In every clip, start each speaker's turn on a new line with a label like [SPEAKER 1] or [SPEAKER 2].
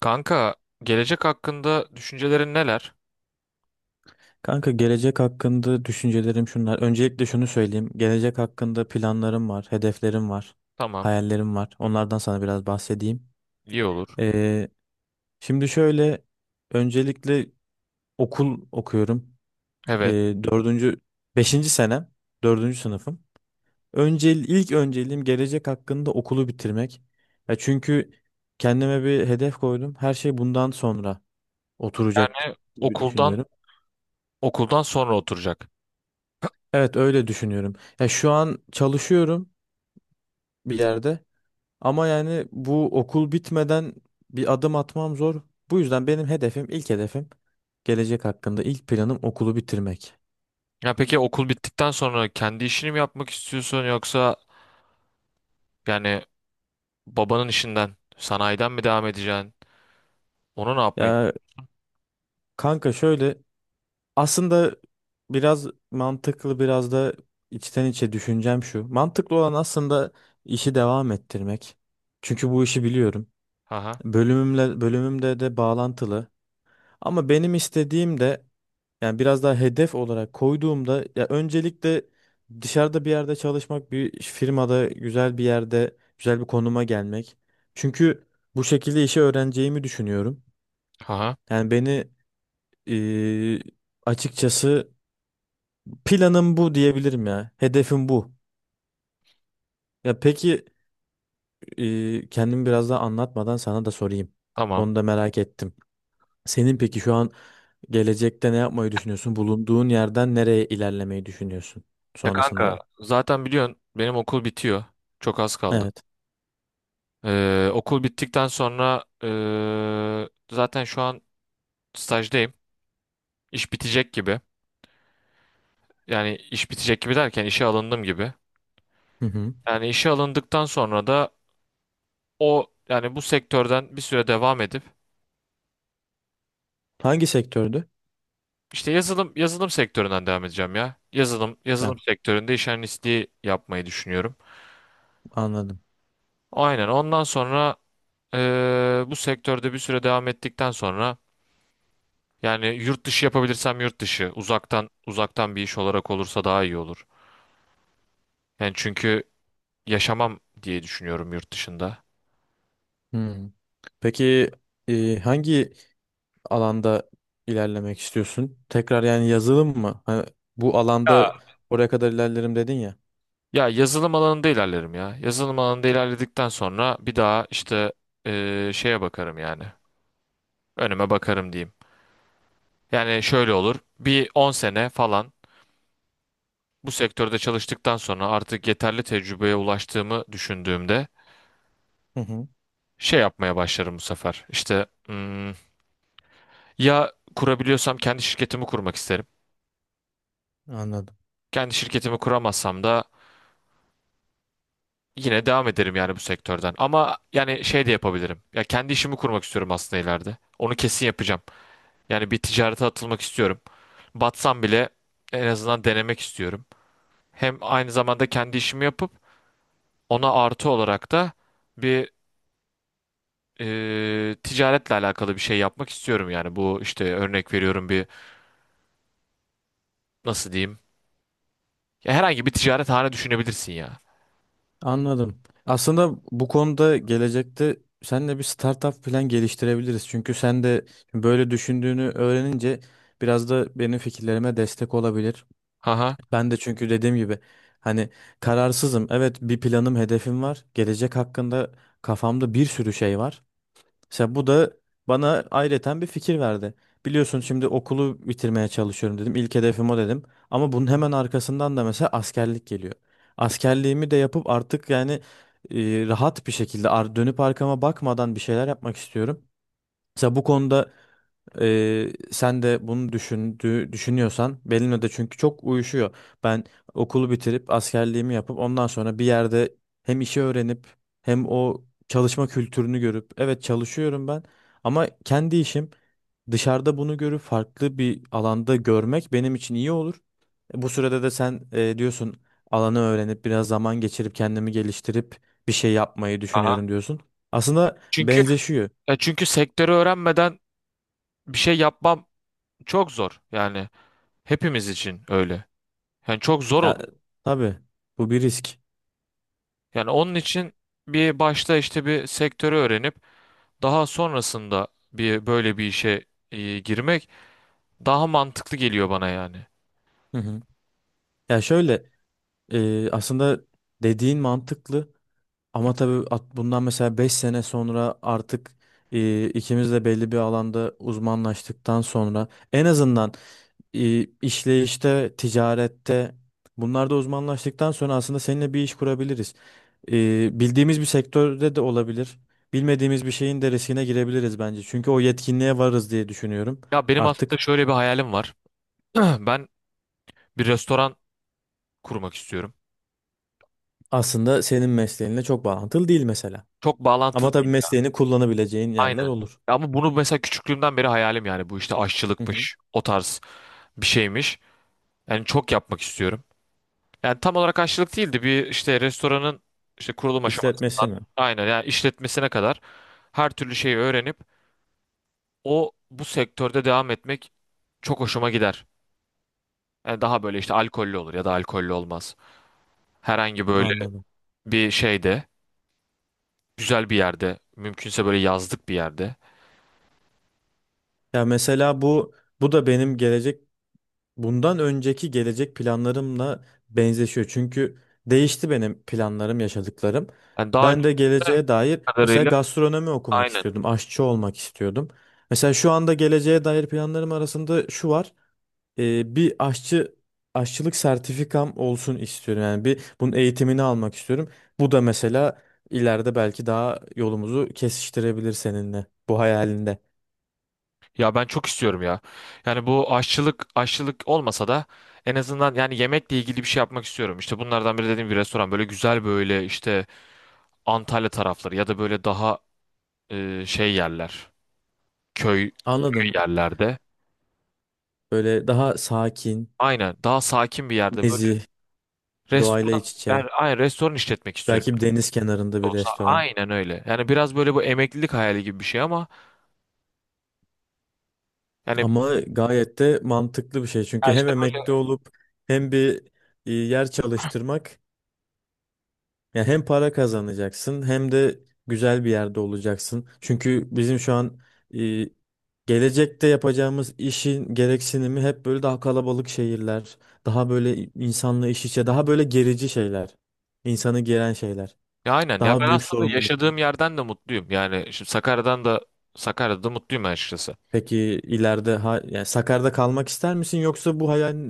[SPEAKER 1] Kanka, gelecek hakkında düşüncelerin neler?
[SPEAKER 2] Kanka, gelecek hakkında düşüncelerim şunlar. Öncelikle şunu söyleyeyim. Gelecek hakkında planlarım var, hedeflerim var,
[SPEAKER 1] Tamam,
[SPEAKER 2] hayallerim var. Onlardan sana biraz bahsedeyim.
[SPEAKER 1] iyi olur.
[SPEAKER 2] Ee, şimdi şöyle, öncelikle okul okuyorum. Ee,
[SPEAKER 1] Evet.
[SPEAKER 2] dördüncü, beşinci senem, dördüncü sınıfım. Önce, ilk önceliğim gelecek hakkında okulu bitirmek. Ya çünkü kendime bir hedef koydum. Her şey bundan sonra oturacak
[SPEAKER 1] Yani
[SPEAKER 2] gibi
[SPEAKER 1] okuldan
[SPEAKER 2] düşünüyorum.
[SPEAKER 1] okuldan sonra oturacak.
[SPEAKER 2] Evet, öyle düşünüyorum. Ya şu an çalışıyorum, bir yerde. Ama yani bu okul bitmeden bir adım atmam zor. Bu yüzden benim hedefim, ilk hedefim, gelecek hakkında ilk planım okulu bitirmek.
[SPEAKER 1] Ya peki okul bittikten sonra kendi işini mi yapmak istiyorsun yoksa yani babanın işinden, sanayiden mi devam edeceksin? Onu ne yapmayı?
[SPEAKER 2] Ya kanka şöyle, aslında biraz mantıklı, biraz da içten içe düşüncem şu. Mantıklı olan aslında işi devam ettirmek. Çünkü bu işi biliyorum.
[SPEAKER 1] Haha.
[SPEAKER 2] Bölümümde de bağlantılı. Ama benim istediğim de, yani biraz daha hedef olarak koyduğumda, ya öncelikle dışarıda bir yerde çalışmak, bir firmada güzel bir yerde, güzel bir konuma gelmek. Çünkü bu şekilde işi öğreneceğimi düşünüyorum.
[SPEAKER 1] Haha.
[SPEAKER 2] Yani beni eee, açıkçası planım bu diyebilirim ya. Hedefim bu. Ya peki, kendimi biraz daha anlatmadan sana da sorayım.
[SPEAKER 1] Tamam.
[SPEAKER 2] Onu da merak ettim. Senin peki şu an gelecekte ne yapmayı düşünüyorsun? Bulunduğun yerden nereye ilerlemeyi düşünüyorsun
[SPEAKER 1] Ya
[SPEAKER 2] sonrasında
[SPEAKER 1] kanka,
[SPEAKER 2] da?
[SPEAKER 1] zaten biliyorsun benim okul bitiyor. Çok az kaldı.
[SPEAKER 2] Evet.
[SPEAKER 1] Okul bittikten sonra zaten şu an stajdayım. İş bitecek gibi. Yani iş bitecek gibi derken işe alındım gibi.
[SPEAKER 2] Hı hı.
[SPEAKER 1] Yani işe alındıktan sonra da o yani bu sektörden bir süre devam edip
[SPEAKER 2] Hangi sektördü?
[SPEAKER 1] işte yazılım sektöründen devam edeceğim ya. Yazılım
[SPEAKER 2] Ha,
[SPEAKER 1] yazılım sektöründe iş analistliği yapmayı düşünüyorum.
[SPEAKER 2] anladım.
[SPEAKER 1] Aynen ondan sonra bu sektörde bir süre devam ettikten sonra yani yurt dışı yapabilirsem yurt dışı uzaktan bir iş olarak olursa daha iyi olur. Yani çünkü yaşamam diye düşünüyorum yurt dışında.
[SPEAKER 2] Hmm. Peki, hangi alanda ilerlemek istiyorsun? Tekrar yani yazılım mı? Hani bu alanda
[SPEAKER 1] Ya
[SPEAKER 2] oraya kadar ilerlerim dedin ya.
[SPEAKER 1] Ya yazılım alanında ilerlerim ya. Yazılım alanında ilerledikten sonra bir daha işte şeye bakarım yani. Önüme bakarım diyeyim. Yani şöyle olur. Bir 10 sene falan bu sektörde çalıştıktan sonra artık yeterli tecrübeye ulaştığımı düşündüğümde
[SPEAKER 2] Hı hı.
[SPEAKER 1] şey yapmaya başlarım bu sefer. İşte ya kurabiliyorsam kendi şirketimi kurmak isterim.
[SPEAKER 2] Anladım.
[SPEAKER 1] Kendi şirketimi kuramazsam da yine devam ederim yani bu sektörden. Ama yani şey de yapabilirim. Ya kendi işimi kurmak istiyorum aslında ileride. Onu kesin yapacağım. Yani bir ticarete atılmak istiyorum. Batsam bile en azından denemek istiyorum. Hem aynı zamanda kendi işimi yapıp ona artı olarak da bir ticaretle alakalı bir şey yapmak istiyorum. Yani bu işte örnek veriyorum bir nasıl diyeyim? Ya herhangi bir ticarethane düşünebilirsin ya.
[SPEAKER 2] Anladım. Aslında bu konuda gelecekte seninle bir startup plan geliştirebiliriz. Çünkü sen de böyle düşündüğünü öğrenince biraz da benim fikirlerime destek olabilir.
[SPEAKER 1] Aha.
[SPEAKER 2] Ben de çünkü dediğim gibi, hani, kararsızım. Evet, bir planım, hedefim var. Gelecek hakkında kafamda bir sürü şey var. Mesela bu da bana ayrıca bir fikir verdi. Biliyorsun, şimdi okulu bitirmeye çalışıyorum dedim. İlk hedefim o dedim. Ama bunun hemen arkasından da mesela askerlik geliyor. Askerliğimi de yapıp artık yani rahat bir şekilde dönüp arkama bakmadan bir şeyler yapmak istiyorum. Mesela bu konuda sen de bunu düşünüyorsan Belino'da, çünkü çok uyuşuyor. Ben okulu bitirip askerliğimi yapıp ondan sonra bir yerde hem işi öğrenip hem o çalışma kültürünü görüp, evet çalışıyorum ben ama kendi işim, dışarıda bunu görüp farklı bir alanda görmek benim için iyi olur. Bu sürede de sen, diyorsun, alanı öğrenip biraz zaman geçirip kendimi geliştirip bir şey yapmayı
[SPEAKER 1] Aha.
[SPEAKER 2] düşünüyorum diyorsun. Aslında
[SPEAKER 1] Çünkü
[SPEAKER 2] benzeşiyor.
[SPEAKER 1] çünkü sektörü öğrenmeden bir şey yapmam çok zor. Yani hepimiz için öyle. Yani çok zor
[SPEAKER 2] Ya,
[SPEAKER 1] olur.
[SPEAKER 2] tabii bu bir risk.
[SPEAKER 1] Yani onun için bir başta işte bir sektörü öğrenip daha sonrasında bir böyle bir işe girmek daha mantıklı geliyor bana yani.
[SPEAKER 2] Hı hı. Ya şöyle, aslında dediğin mantıklı, ama tabii bundan mesela 5 sene sonra artık, ikimiz de belli bir alanda uzmanlaştıktan sonra, en azından işleyişte, ticarette, bunlarda uzmanlaştıktan sonra aslında seninle bir iş kurabiliriz. Bildiğimiz bir sektörde de olabilir. Bilmediğimiz bir şeyin de riskine girebiliriz bence. Çünkü o yetkinliğe varız diye düşünüyorum.
[SPEAKER 1] Ya benim aslında
[SPEAKER 2] Artık
[SPEAKER 1] şöyle bir hayalim var. Ben bir restoran kurmak istiyorum.
[SPEAKER 2] aslında senin mesleğinle çok bağlantılı değil mesela.
[SPEAKER 1] Çok bağlantılı
[SPEAKER 2] Ama tabii
[SPEAKER 1] değil.
[SPEAKER 2] mesleğini kullanabileceğin yerler
[SPEAKER 1] Aynen.
[SPEAKER 2] olur.
[SPEAKER 1] Ama bunu mesela küçüklüğümden beri hayalim yani bu işte
[SPEAKER 2] Hı hı.
[SPEAKER 1] aşçılıkmış, o tarz bir şeymiş. Yani çok yapmak istiyorum. Yani tam olarak aşçılık değildi. Bir işte restoranın işte kurulum
[SPEAKER 2] İşletmesi
[SPEAKER 1] aşamasından
[SPEAKER 2] mi?
[SPEAKER 1] aynen yani işletmesine kadar her türlü şeyi öğrenip o bu sektörde devam etmek çok hoşuma gider. Daha böyle işte alkollü olur ya da alkollü olmaz. Herhangi böyle
[SPEAKER 2] Anladım.
[SPEAKER 1] bir şeyde, güzel bir yerde, mümkünse böyle yazlık bir yerde.
[SPEAKER 2] Ya mesela bu da benim gelecek, bundan önceki gelecek planlarımla benzeşiyor. Çünkü değişti benim planlarım, yaşadıklarım.
[SPEAKER 1] Yani daha önce
[SPEAKER 2] Ben de geleceğe dair mesela
[SPEAKER 1] kadarıyla
[SPEAKER 2] gastronomi okumak
[SPEAKER 1] aynen.
[SPEAKER 2] istiyordum, aşçı olmak istiyordum. Mesela şu anda geleceğe dair planlarım arasında şu var. E, bir aşçı Aşçılık sertifikam olsun istiyorum. Yani bir bunun eğitimini almak istiyorum. Bu da mesela ileride belki daha yolumuzu kesiştirebilir seninle, bu hayalinde.
[SPEAKER 1] Ya ben çok istiyorum ya. Yani bu aşçılık olmasa da en azından yani yemekle ilgili bir şey yapmak istiyorum. İşte bunlardan biri dediğim bir restoran böyle güzel böyle işte Antalya tarafları ya da böyle daha şey yerler, köy
[SPEAKER 2] Anladım.
[SPEAKER 1] yerlerde.
[SPEAKER 2] Böyle daha sakin,
[SPEAKER 1] Aynen daha sakin bir yerde böyle
[SPEAKER 2] nezih, doğayla
[SPEAKER 1] restoran
[SPEAKER 2] iç içe.
[SPEAKER 1] yani aynen restoran işletmek istiyorum.
[SPEAKER 2] Belki bir deniz kenarında bir
[SPEAKER 1] Olsa
[SPEAKER 2] restoran.
[SPEAKER 1] aynen öyle. Yani biraz böyle bu emeklilik hayali gibi bir şey ama yani
[SPEAKER 2] Ama gayet de mantıklı bir şey.
[SPEAKER 1] ya
[SPEAKER 2] Çünkü hem
[SPEAKER 1] işte böyle
[SPEAKER 2] emekli olup hem bir, yer çalıştırmak. Ya hem para kazanacaksın hem de güzel bir yerde olacaksın. Çünkü bizim şu an, e, gelecekte yapacağımız işin gereksinimi hep böyle daha kalabalık şehirler, daha böyle insanla iş içe, daha böyle gerici şeyler, insanı geren şeyler,
[SPEAKER 1] ya aynen ya
[SPEAKER 2] daha
[SPEAKER 1] ben
[SPEAKER 2] büyük
[SPEAKER 1] aslında
[SPEAKER 2] sorumluluklar.
[SPEAKER 1] yaşadığım yerden de mutluyum. Yani şimdi Sakarya'da da mutluyum açıkçası.
[SPEAKER 2] Peki ileride, ha, yani Sakarya'da kalmak ister misin, yoksa bu hayal,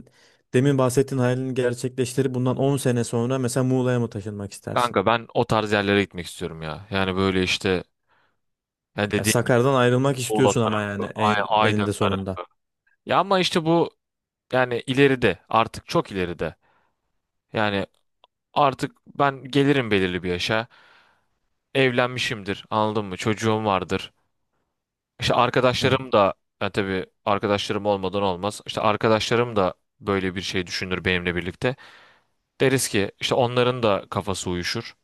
[SPEAKER 2] demin bahsettiğin hayalini gerçekleştirip bundan 10 sene sonra mesela Muğla'ya mı taşınmak istersin?
[SPEAKER 1] Kanka ben o tarz yerlere gitmek istiyorum ya. Yani böyle işte yani
[SPEAKER 2] Ya
[SPEAKER 1] dediğim gibi
[SPEAKER 2] Sakarya'dan ayrılmak
[SPEAKER 1] Muğla
[SPEAKER 2] istiyorsun ama yani
[SPEAKER 1] tarafı, Aydın
[SPEAKER 2] elinde sonunda.
[SPEAKER 1] tarafı. Ya ama işte bu yani ileride artık çok ileride. Yani artık ben gelirim belirli bir yaşa. Evlenmişimdir anladın mı? Çocuğum vardır. İşte
[SPEAKER 2] Evet.
[SPEAKER 1] arkadaşlarım da yani tabii arkadaşlarım olmadan olmaz. İşte arkadaşlarım da böyle bir şey düşünür benimle birlikte. Deriz ki işte onların da kafası uyuşur.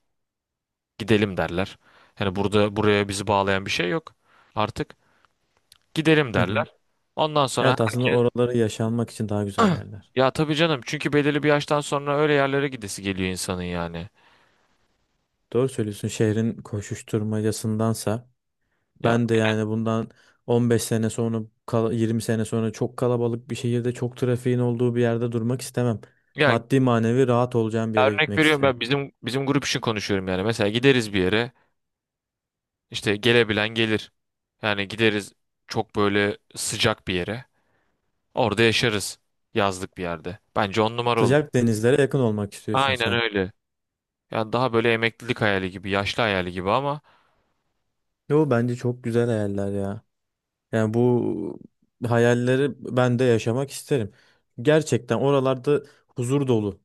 [SPEAKER 1] Gidelim derler. Yani burada buraya bizi bağlayan bir şey yok. Artık gidelim
[SPEAKER 2] Hı hı.
[SPEAKER 1] derler. Ondan sonra
[SPEAKER 2] Evet, aslında
[SPEAKER 1] herkes
[SPEAKER 2] oraları yaşanmak için daha güzel yerler.
[SPEAKER 1] ya tabii canım çünkü belirli bir yaştan sonra öyle yerlere gidesi geliyor insanın yani.
[SPEAKER 2] Doğru söylüyorsun. Şehrin koşuşturmacasındansa
[SPEAKER 1] Ya
[SPEAKER 2] ben de, yani, bundan 15 sene sonra, 20 sene sonra çok kalabalık bir şehirde, çok trafiğin olduğu bir yerde durmak istemem.
[SPEAKER 1] yani
[SPEAKER 2] Maddi manevi rahat olacağım bir yere
[SPEAKER 1] örnek
[SPEAKER 2] gitmek
[SPEAKER 1] veriyorum
[SPEAKER 2] isterim.
[SPEAKER 1] ben bizim grup için konuşuyorum yani. Mesela gideriz bir yere işte gelebilen gelir. Yani gideriz çok böyle sıcak bir yere. Orada yaşarız. Yazlık bir yerde. Bence on numara olur.
[SPEAKER 2] Sıcak denizlere yakın olmak istiyorsun
[SPEAKER 1] Aynen
[SPEAKER 2] sen.
[SPEAKER 1] öyle. Yani daha böyle emeklilik hayali gibi, yaşlı hayali gibi ama
[SPEAKER 2] Yo, bence çok güzel hayaller ya. Yani bu hayalleri ben de yaşamak isterim. Gerçekten oralarda huzur dolu,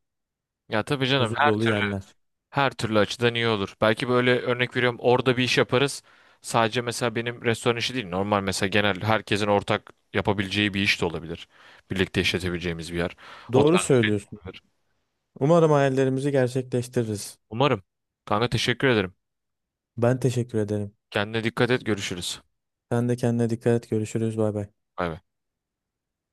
[SPEAKER 1] ya tabii canım
[SPEAKER 2] huzur
[SPEAKER 1] her
[SPEAKER 2] dolu
[SPEAKER 1] türlü
[SPEAKER 2] yerler.
[SPEAKER 1] her türlü açıdan iyi olur. Belki böyle örnek veriyorum orada bir iş yaparız. Sadece mesela benim restoran işi değil, normal mesela genel herkesin ortak yapabileceği bir iş de olabilir. Birlikte işletebileceğimiz bir yer. O
[SPEAKER 2] Doğru
[SPEAKER 1] tarz
[SPEAKER 2] söylüyorsun.
[SPEAKER 1] bir yer.
[SPEAKER 2] Umarım hayallerimizi gerçekleştiririz.
[SPEAKER 1] Umarım. Kanka teşekkür ederim.
[SPEAKER 2] Ben teşekkür ederim.
[SPEAKER 1] Kendine dikkat et, görüşürüz.
[SPEAKER 2] Sen de kendine dikkat et. Görüşürüz. Bay bay.
[SPEAKER 1] Bay bay.